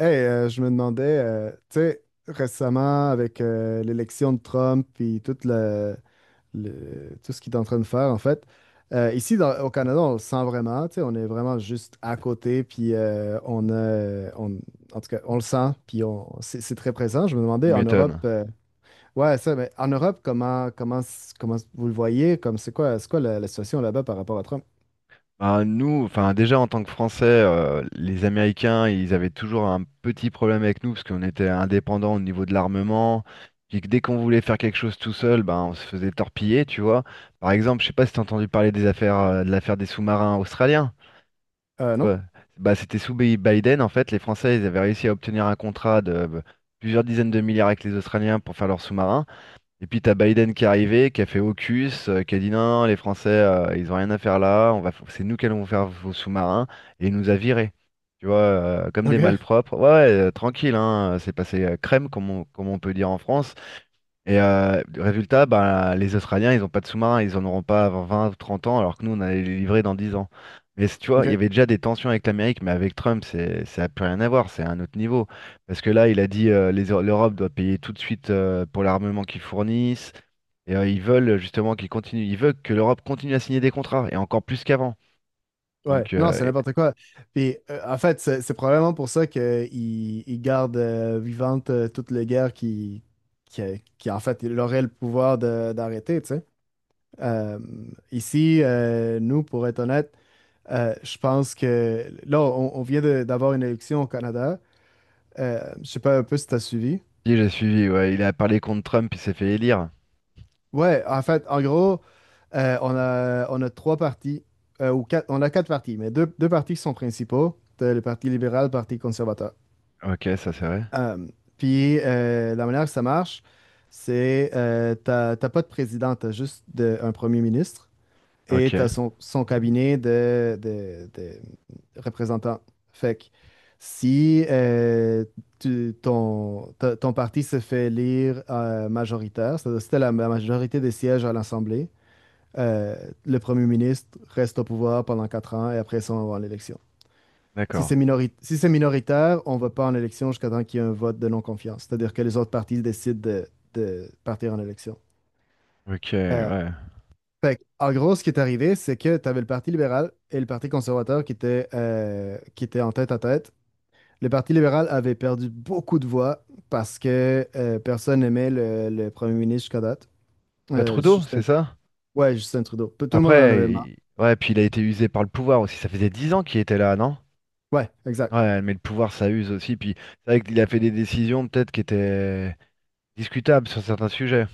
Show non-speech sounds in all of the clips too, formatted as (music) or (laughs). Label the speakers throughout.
Speaker 1: Hey, je me demandais, tu sais, récemment avec l'élection de Trump puis tout tout ce qu'il est en train de faire, en fait, ici au Canada, on le sent vraiment, tu sais, on est vraiment juste à côté, puis en tout cas, on le sent, puis c'est très présent. Je me
Speaker 2: Tu
Speaker 1: demandais en Europe,
Speaker 2: m'étonnes.
Speaker 1: ouais, ça, mais en Europe, comment vous le voyez, comme c'est quoi la situation là-bas par rapport à Trump?
Speaker 2: Ben, nous, enfin déjà en tant que Français, les Américains, ils avaient toujours un petit problème avec nous parce qu'on était indépendants au niveau de l'armement. Puis que dès qu'on voulait faire quelque chose tout seul, ben on se faisait torpiller, tu vois. Par exemple, je sais pas si t'as entendu parler de l'affaire des sous-marins australiens.
Speaker 1: Euh,
Speaker 2: Tu
Speaker 1: non?
Speaker 2: vois. Bah, c'était sous Biden en fait, les Français, ils avaient réussi à obtenir un contrat de plusieurs dizaines de milliards avec les Australiens pour faire leurs sous-marins. Et puis t'as Biden qui est arrivé, qui a fait AUKUS, qui a dit non, non, les Français, ils ont rien à faire là, c'est nous qui allons faire vos sous-marins, et il nous a virés, tu vois, comme des
Speaker 1: Ok,
Speaker 2: malpropres. Ouais, ouais, tranquille, hein, c'est passé crème, comme on peut dire en France. Et le résultat, bah, les Australiens, ils n'ont pas de sous-marins, ils en auront pas avant 20 ou 30 ans, alors que nous, on allait les livrer dans 10 ans. Mais tu vois, il y
Speaker 1: ok.
Speaker 2: avait déjà des tensions avec l'Amérique, mais avec Trump, c'est, ça n'a plus rien à voir, c'est un autre niveau. Parce que là, il a dit l'Europe doit payer tout de suite pour l'armement qu'ils fournissent. Et ils veulent justement qu'ils continuent, ils veulent que l'Europe continue à signer des contrats, et encore plus qu'avant.
Speaker 1: Ouais,
Speaker 2: Donc,
Speaker 1: non,
Speaker 2: euh,
Speaker 1: c'est
Speaker 2: et-
Speaker 1: n'importe quoi. Puis, en fait, c'est probablement pour ça qu'ils ils gardent vivante toute la guerre qui, en fait, il aurait le pouvoir d'arrêter, tu sais. Euh, ici, nous, pour être honnête, je pense que là, on vient d'avoir une élection au Canada. Je sais pas un peu si t'as suivi.
Speaker 2: Si j'ai suivi, ouais, il a parlé contre Trump, il s'est fait élire.
Speaker 1: Ouais, en fait, en gros, on a trois partis, ou quatre, on a quatre partis, mais deux partis qui sont principaux, t'as le Parti libéral, le Parti conservateur.
Speaker 2: Ok, ça c'est vrai.
Speaker 1: Euh, puis la manière que ça marche, c'est t'as pas de président, t'as juste un premier ministre et t'as
Speaker 2: Ok,
Speaker 1: son cabinet de représentants. Fait que si ton parti se fait élire majoritaire, c'est-à-dire si t'as la majorité des sièges à l'Assemblée, euh, le premier ministre reste au pouvoir pendant 4 ans et après ça, on va à l'élection. Si
Speaker 2: d'accord.
Speaker 1: c'est minori- si c'est minoritaire, on va pas en élection jusqu'à temps qu'il y ait un vote de non-confiance, c'est-à-dire que les autres partis décident de partir en élection.
Speaker 2: Ok,
Speaker 1: Euh,
Speaker 2: ouais.
Speaker 1: fait que, en gros, ce qui est arrivé, c'est que tu avais le Parti libéral et le Parti conservateur qui étaient en tête à tête. Le Parti libéral avait perdu beaucoup de voix parce que personne n'aimait le premier ministre jusqu'à date.
Speaker 2: Bah
Speaker 1: Euh,
Speaker 2: Trudeau,
Speaker 1: Justin,
Speaker 2: c'est ça?
Speaker 1: ouais, Justin Trudeau. Tout le monde en
Speaker 2: Après,
Speaker 1: avait marre.
Speaker 2: ouais, puis il a été usé par le pouvoir aussi. Ça faisait 10 ans qu'il était là, non?
Speaker 1: Ouais, exact.
Speaker 2: Ouais, mais le pouvoir, ça use aussi. Puis c'est vrai qu'il a fait des décisions peut-être qui étaient discutables sur certains sujets.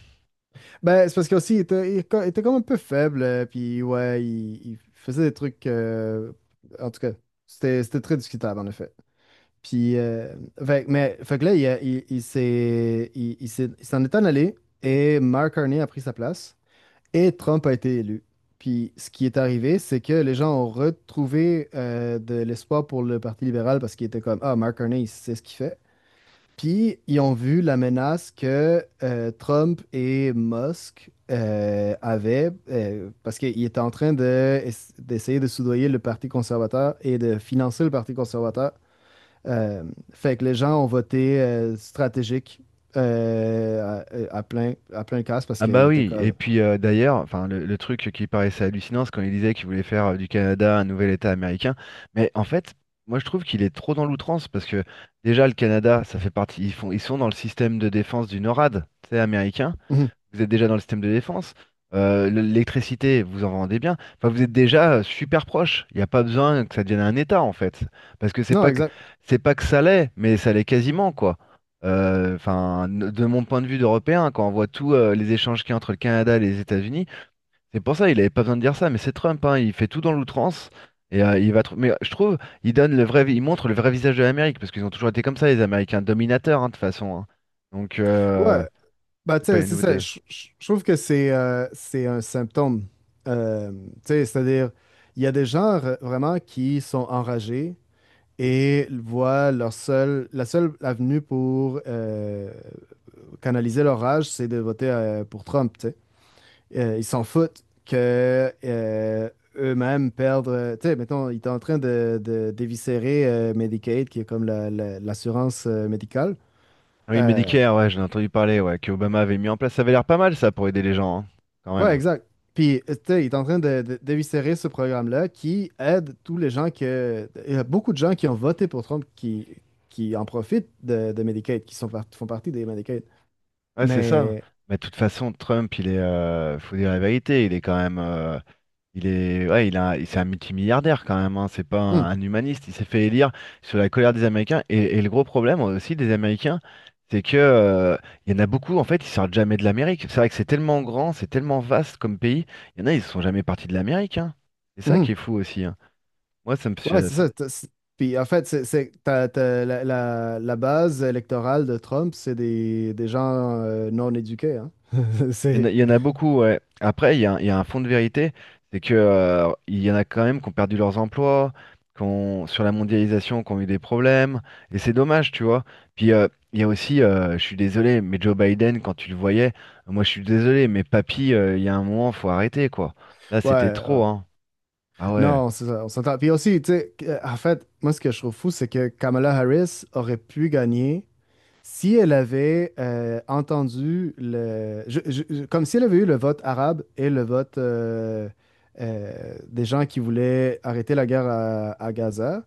Speaker 1: Ben, c'est parce qu'aussi, il était comme un peu faible, puis ouais, il faisait des trucs. En tout cas, c'était très discutable, en effet. Puis, fait que là, il, a- il, il s'est, il s'est- il s'en est en allé, et Mark Carney a pris sa place, et Trump a été élu. Puis, ce qui est arrivé, c'est que les gens ont retrouvé de l'espoir pour le Parti libéral parce qu'ils étaient comme, ah, Mark Carney, il sait ce qu'il fait. Puis, ils ont vu la menace que Trump et Musk avaient, parce qu'ils étaient en train d'essayer de soudoyer le Parti conservateur et de financer le Parti conservateur. Euh, fait que les gens ont voté stratégique euh, à plein casse parce
Speaker 2: Ah
Speaker 1: qu'ils
Speaker 2: bah
Speaker 1: étaient
Speaker 2: oui, et
Speaker 1: comme. (laughs)
Speaker 2: puis d'ailleurs, enfin le truc qui paraissait hallucinant, c'est quand il disait qu'il voulait faire du Canada un nouvel État américain, mais en fait, moi je trouve qu'il est trop dans l'outrance parce que déjà le Canada, ça fait partie, ils font, ils sont dans le système de défense du NORAD, tu sais, américain.
Speaker 1: Mhm.
Speaker 2: Vous êtes déjà dans le système de défense, l'électricité, vous en vendez bien, enfin vous êtes déjà super proche, il n'y a pas besoin que ça devienne un État en fait, parce que c'est
Speaker 1: Non,
Speaker 2: pas que
Speaker 1: exact.
Speaker 2: c'est pas que ça l'est, mais ça l'est quasiment quoi. Enfin, de mon point de vue d'Européen, quand on voit tous les échanges qu'il y a entre le Canada et les États-Unis, c'est pour ça il n'avait pas besoin de dire ça, mais c'est Trump, hein, il fait tout dans l'outrance. Et mais je trouve, il montre le vrai visage de l'Amérique parce qu'ils ont toujours été comme ça, les Américains dominateurs hein, de toute façon. Hein. Donc,
Speaker 1: Ouais, bah, tu
Speaker 2: c'est pas
Speaker 1: sais,
Speaker 2: une
Speaker 1: c'est ça.
Speaker 2: nouveauté.
Speaker 1: Je trouve que c'est un symptôme. Tu sais, c'est-à-dire, il y a des gens vraiment qui sont enragés et voient la seule avenue pour canaliser leur rage, c'est de voter pour Trump, tu sais. Ils s'en foutent que eux-mêmes perdent. Tu sais, mettons, ils étaient en train d'éviscérer Medicaid, qui est comme l'assurance médicale.
Speaker 2: Ah oui,
Speaker 1: Euh,
Speaker 2: Medicare, ouais, j'en ai entendu parler, ouais, que Obama avait mis en place. Ça avait l'air pas mal, ça, pour aider les gens, hein, quand
Speaker 1: Ouais,
Speaker 2: même.
Speaker 1: exact. Puis, tu sais, il est en train d'éviscérer ce programme-là qui aide tous les gens que. Il y a beaucoup de gens qui ont voté pour Trump qui en profitent de Medicaid, qui sont font partie des Medicaid.
Speaker 2: Ouais, c'est ça.
Speaker 1: Mais.
Speaker 2: Mais de toute façon, Trump, il est, faut dire la vérité, il est quand même, ouais, c'est un multimilliardaire quand même, hein, c'est pas un,
Speaker 1: Hum,
Speaker 2: un humaniste. Il s'est fait élire sur la colère des Américains. Et le gros problème aussi des Américains, c'est que il y en a beaucoup, en fait, ils sortent jamais de l'Amérique. C'est vrai que c'est tellement grand, c'est tellement vaste comme pays. Il y en a, ils sont jamais partis de l'Amérique. Hein. C'est ça qui
Speaker 1: mhm.
Speaker 2: est fou aussi. Hein. Moi,
Speaker 1: Ouais, c'est
Speaker 2: ça.
Speaker 1: ça. Puis, en fait, t'as la base électorale de Trump, c'est des gens non éduqués. Hein? (laughs)
Speaker 2: Il y en a,
Speaker 1: C'est.
Speaker 2: il y en a beaucoup, ouais. Après, il y a un fond de vérité, c'est que il y en a quand même qui ont perdu leurs emplois, sur la mondialisation, qui ont eu des problèmes, et c'est dommage, tu vois. Puis, il y a aussi, je suis désolé, mais Joe Biden, quand tu le voyais, moi je suis désolé, mais papy, il y a un moment, faut arrêter, quoi. Là,
Speaker 1: Ouais,
Speaker 2: c'était trop,
Speaker 1: ouais.
Speaker 2: hein. Ah ouais.
Speaker 1: Non, c'est ça, on s'entend. Puis aussi, tu sais, en fait, moi, ce que je trouve fou, c'est que Kamala Harris aurait pu gagner si elle avait entendu comme si elle avait eu le vote arabe et le vote des gens qui voulaient arrêter la guerre à Gaza,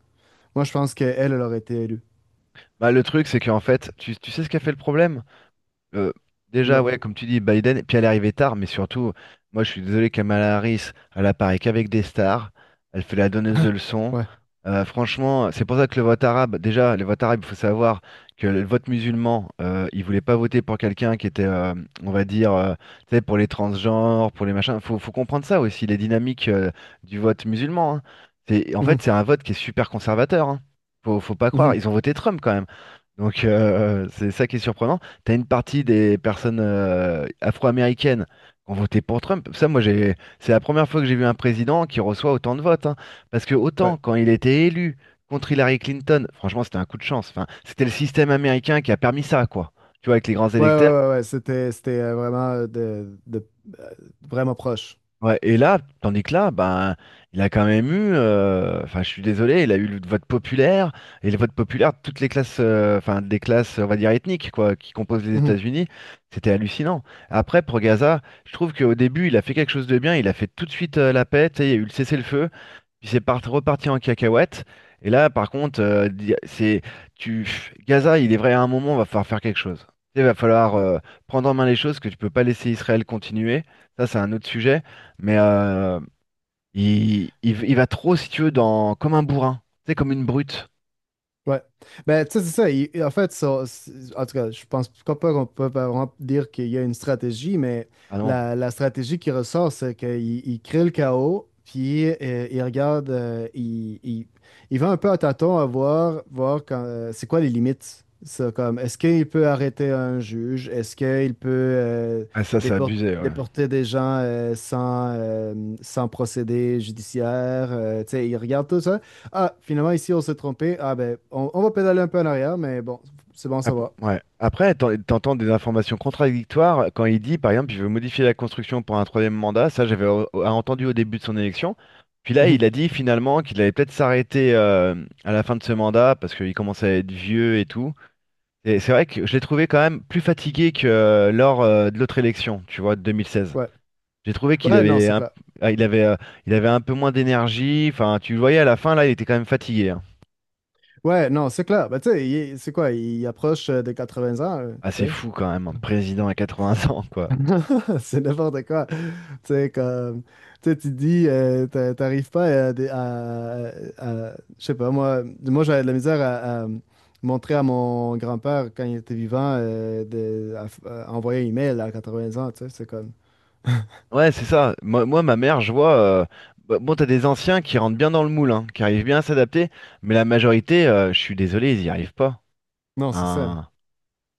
Speaker 1: moi je pense qu'elle, elle elle aurait été élue.
Speaker 2: Bah, le truc, c'est qu'en fait, tu sais ce qu'a fait le problème? Euh, Déjà,
Speaker 1: Dis-moi.
Speaker 2: ouais, comme tu dis, Biden, et puis elle est arrivée tard, mais surtout, moi je suis désolé, Kamala Harris, elle apparaît qu'avec des stars, elle fait la donneuse de
Speaker 1: (laughs)
Speaker 2: leçons.
Speaker 1: Ouais.
Speaker 2: Franchement, c'est pour ça que le vote arabe, déjà, le vote arabe, il faut savoir que le vote musulman, il voulait pas voter pour quelqu'un qui était, on va dire, tu sais, pour les transgenres, pour les machins. Faut comprendre ça aussi, les dynamiques du vote musulman. Hein. C'est, en
Speaker 1: Mhm.
Speaker 2: fait, c'est un vote qui est super conservateur. Hein. Faut pas croire.
Speaker 1: Mhm.
Speaker 2: Ils ont voté Trump quand même. Donc, c'est ça qui est surprenant. T'as une partie des personnes afro-américaines qui ont voté pour Trump. Ça, moi, c'est la première fois que j'ai vu un président qui reçoit autant de votes. Hein. Parce que
Speaker 1: Ouais.
Speaker 2: autant quand il était élu contre Hillary Clinton, franchement, c'était un coup de chance. Enfin, c'était le système américain qui a permis ça, quoi. Tu vois, avec les grands
Speaker 1: Ouais, ouais,
Speaker 2: électeurs.
Speaker 1: ouais, ouais. C'était euh, vraiment proche.
Speaker 2: Ouais, et là, tandis que là, ben, il a quand même eu, enfin, je suis désolé, il a eu le vote populaire, et le vote populaire de toutes des classes, on va dire, ethniques, quoi, qui composent les
Speaker 1: Mhm.
Speaker 2: États-Unis, c'était hallucinant. Après, pour Gaza, je trouve qu'au début, il a fait quelque chose de bien, il a fait tout de suite la paix, tu sais, il y a eu le cessez-le-feu, puis c'est reparti en cacahuète. Et là, par contre, Gaza, il est vrai à un moment, va falloir faire quelque chose. Il va falloir
Speaker 1: Ouais.
Speaker 2: euh, prendre en main les choses, que tu peux pas laisser Israël continuer. Ça, c'est un autre sujet. Mais il va trop, si tu veux, dans comme un bourrin. C'est comme une brute.
Speaker 1: Ouais. Ben, tu sais, c'est ça. En fait, en tout cas, je pense pas qu'on peut pas vraiment dire qu'il y a une stratégie, mais
Speaker 2: Ah non,
Speaker 1: la stratégie qui ressort, c'est qu'il il crée le chaos, puis il regarde, il va un peu à tâtons à voir quand, c'est quoi les limites. Ça, comme, est-ce qu'il peut arrêter un juge? Est-ce qu'il peut
Speaker 2: ah, ça, c'est
Speaker 1: dépor-
Speaker 2: abusé. Ouais.
Speaker 1: déporter des gens sans, sans procédé judiciaire? Tu sais, il regarde tout ça. Ah, finalement, ici, on s'est trompé. Ah, ben, on va pédaler un peu en arrière, mais bon, c'est bon, ça va.
Speaker 2: Ouais.
Speaker 1: (laughs)
Speaker 2: Après, t'entends des informations contradictoires quand il dit, par exemple, il veut modifier la construction pour un troisième mandat. Ça, j'avais entendu au début de son élection. Puis là,
Speaker 1: Mhm.
Speaker 2: il a dit finalement qu'il allait peut-être s'arrêter à la fin de ce mandat parce qu'il commençait à être vieux et tout. Et c'est vrai que je l'ai trouvé quand même plus fatigué que lors de l'autre élection, tu vois, de 2016.
Speaker 1: Ouais.
Speaker 2: J'ai trouvé qu'il
Speaker 1: Ouais, non,
Speaker 2: avait
Speaker 1: c'est clair.
Speaker 2: ah, il avait, euh, il avait un peu moins d'énergie. Enfin, tu le voyais à la fin, là, il était quand même fatigué. Hein.
Speaker 1: Ouais, non, c'est clair. Ben, tu sais, c'est quoi? Il approche des 20 ans,
Speaker 2: Ah,
Speaker 1: tu
Speaker 2: c'est
Speaker 1: sais.
Speaker 2: fou quand même, un président à 80 ans, quoi.
Speaker 1: (laughs) C'est n'importe quoi. Tu sais, comme, tu sais, tu te dis, t'arrives pas à, des- à- je sais pas, moi j'avais de la misère à montrer à mon grand-père quand il était vivant, à envoyer un email à 80 ans, tu sais, c'est comme,
Speaker 2: Ouais, c'est ça. Moi, ma mère, je vois. euh, Bah, bon, t'as des anciens qui rentrent bien dans le moule, hein, qui arrivent bien à s'adapter, mais la majorité, je suis désolé, ils y arrivent pas.
Speaker 1: non, c'est ça.
Speaker 2: Hein.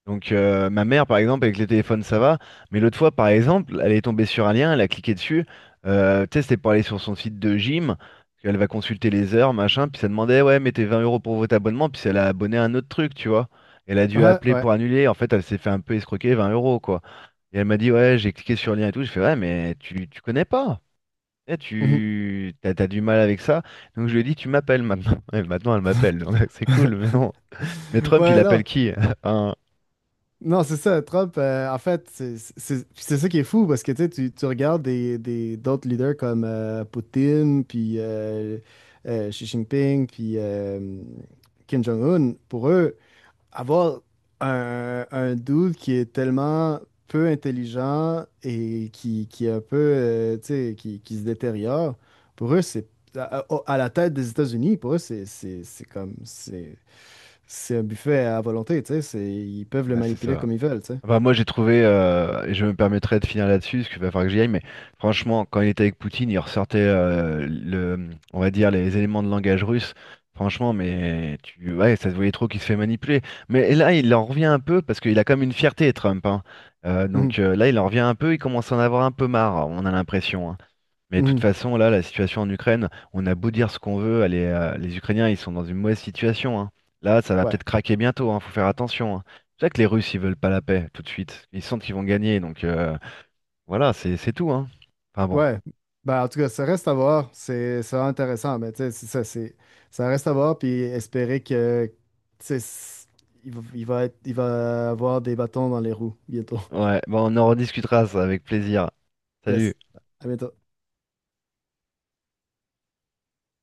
Speaker 2: Donc, ma mère, par exemple, avec les téléphones, ça va. Mais l'autre fois, par exemple, elle est tombée sur un lien, elle a cliqué dessus. Tu sais, c'était pour aller sur son site de gym. Elle va consulter les heures, machin. Puis ça demandait, ouais, mettez 20 € pour votre abonnement. Puis elle a abonné à un autre truc, tu vois. Elle a dû
Speaker 1: Ouais,
Speaker 2: appeler
Speaker 1: ouais.
Speaker 2: pour annuler. En fait, elle s'est fait un peu escroquer 20 euros, quoi. Et elle m'a dit, ouais, j'ai cliqué sur le lien et tout. Je fais, ouais, mais tu connais pas. Eh, t'as du mal avec ça. Donc je lui ai dit, tu m'appelles maintenant. (laughs) Et maintenant, elle m'appelle, donc. (laughs) C'est cool, mais bon. Mais Trump, il
Speaker 1: Ouais, non.
Speaker 2: appelle qui? (laughs) Hein.
Speaker 1: Non, c'est ça. Trump, en fait, puis c'est ça qui est fou parce que tu sais, tu regardes d'autres leaders comme Poutine, puis Xi Jinping, puis Kim Jong-un. Pour eux, avoir un dude qui est tellement peu intelligent et qui est un peu, tu sais, qui se détériore, pour eux, c'est à la tête des États-Unis, pour eux, c'est comme, c'est un buffet à volonté, tu sais. Ils peuvent le
Speaker 2: Ah, c'est
Speaker 1: manipuler
Speaker 2: ça.
Speaker 1: comme ils veulent, tu sais.
Speaker 2: Enfin, moi, j'ai trouvé, et je me permettrai de finir là-dessus, parce qu'il va falloir que j'y aille, mais franchement, quand il était avec Poutine, il ressortait, on va dire, les éléments de langage russe. Franchement, mais ouais, ça se voyait trop qu'il se fait manipuler. Mais et là, il en revient un peu, parce qu'il a comme une fierté, Trump, hein. Euh,
Speaker 1: Mhm,
Speaker 2: donc euh, là, il en revient un peu, il commence à en avoir un peu marre, on a l'impression. Hein. Mais de toute
Speaker 1: mhm,
Speaker 2: façon, là, la situation en Ukraine, on a beau dire ce qu'on veut, les Ukrainiens, ils sont dans une mauvaise situation, hein. Là, ça va peut-être
Speaker 1: Ouais.
Speaker 2: craquer bientôt, hein, faut faire attention. Hein. C'est pour ça que les Russes, ils veulent pas la paix tout de suite. Ils sentent qu'ils vont gagner, donc, voilà, c'est tout, hein. Enfin bon,
Speaker 1: Ouais. Ben, en tout cas, ça reste à voir. C'est vraiment intéressant, mais tu sais, c'est ça, ça reste à voir, puis espérer que, tu sais, il va avoir des bâtons dans les roues bientôt. (laughs)
Speaker 2: ouais, bon, on en rediscutera ça avec plaisir. Salut.
Speaker 1: Yes. À bientôt.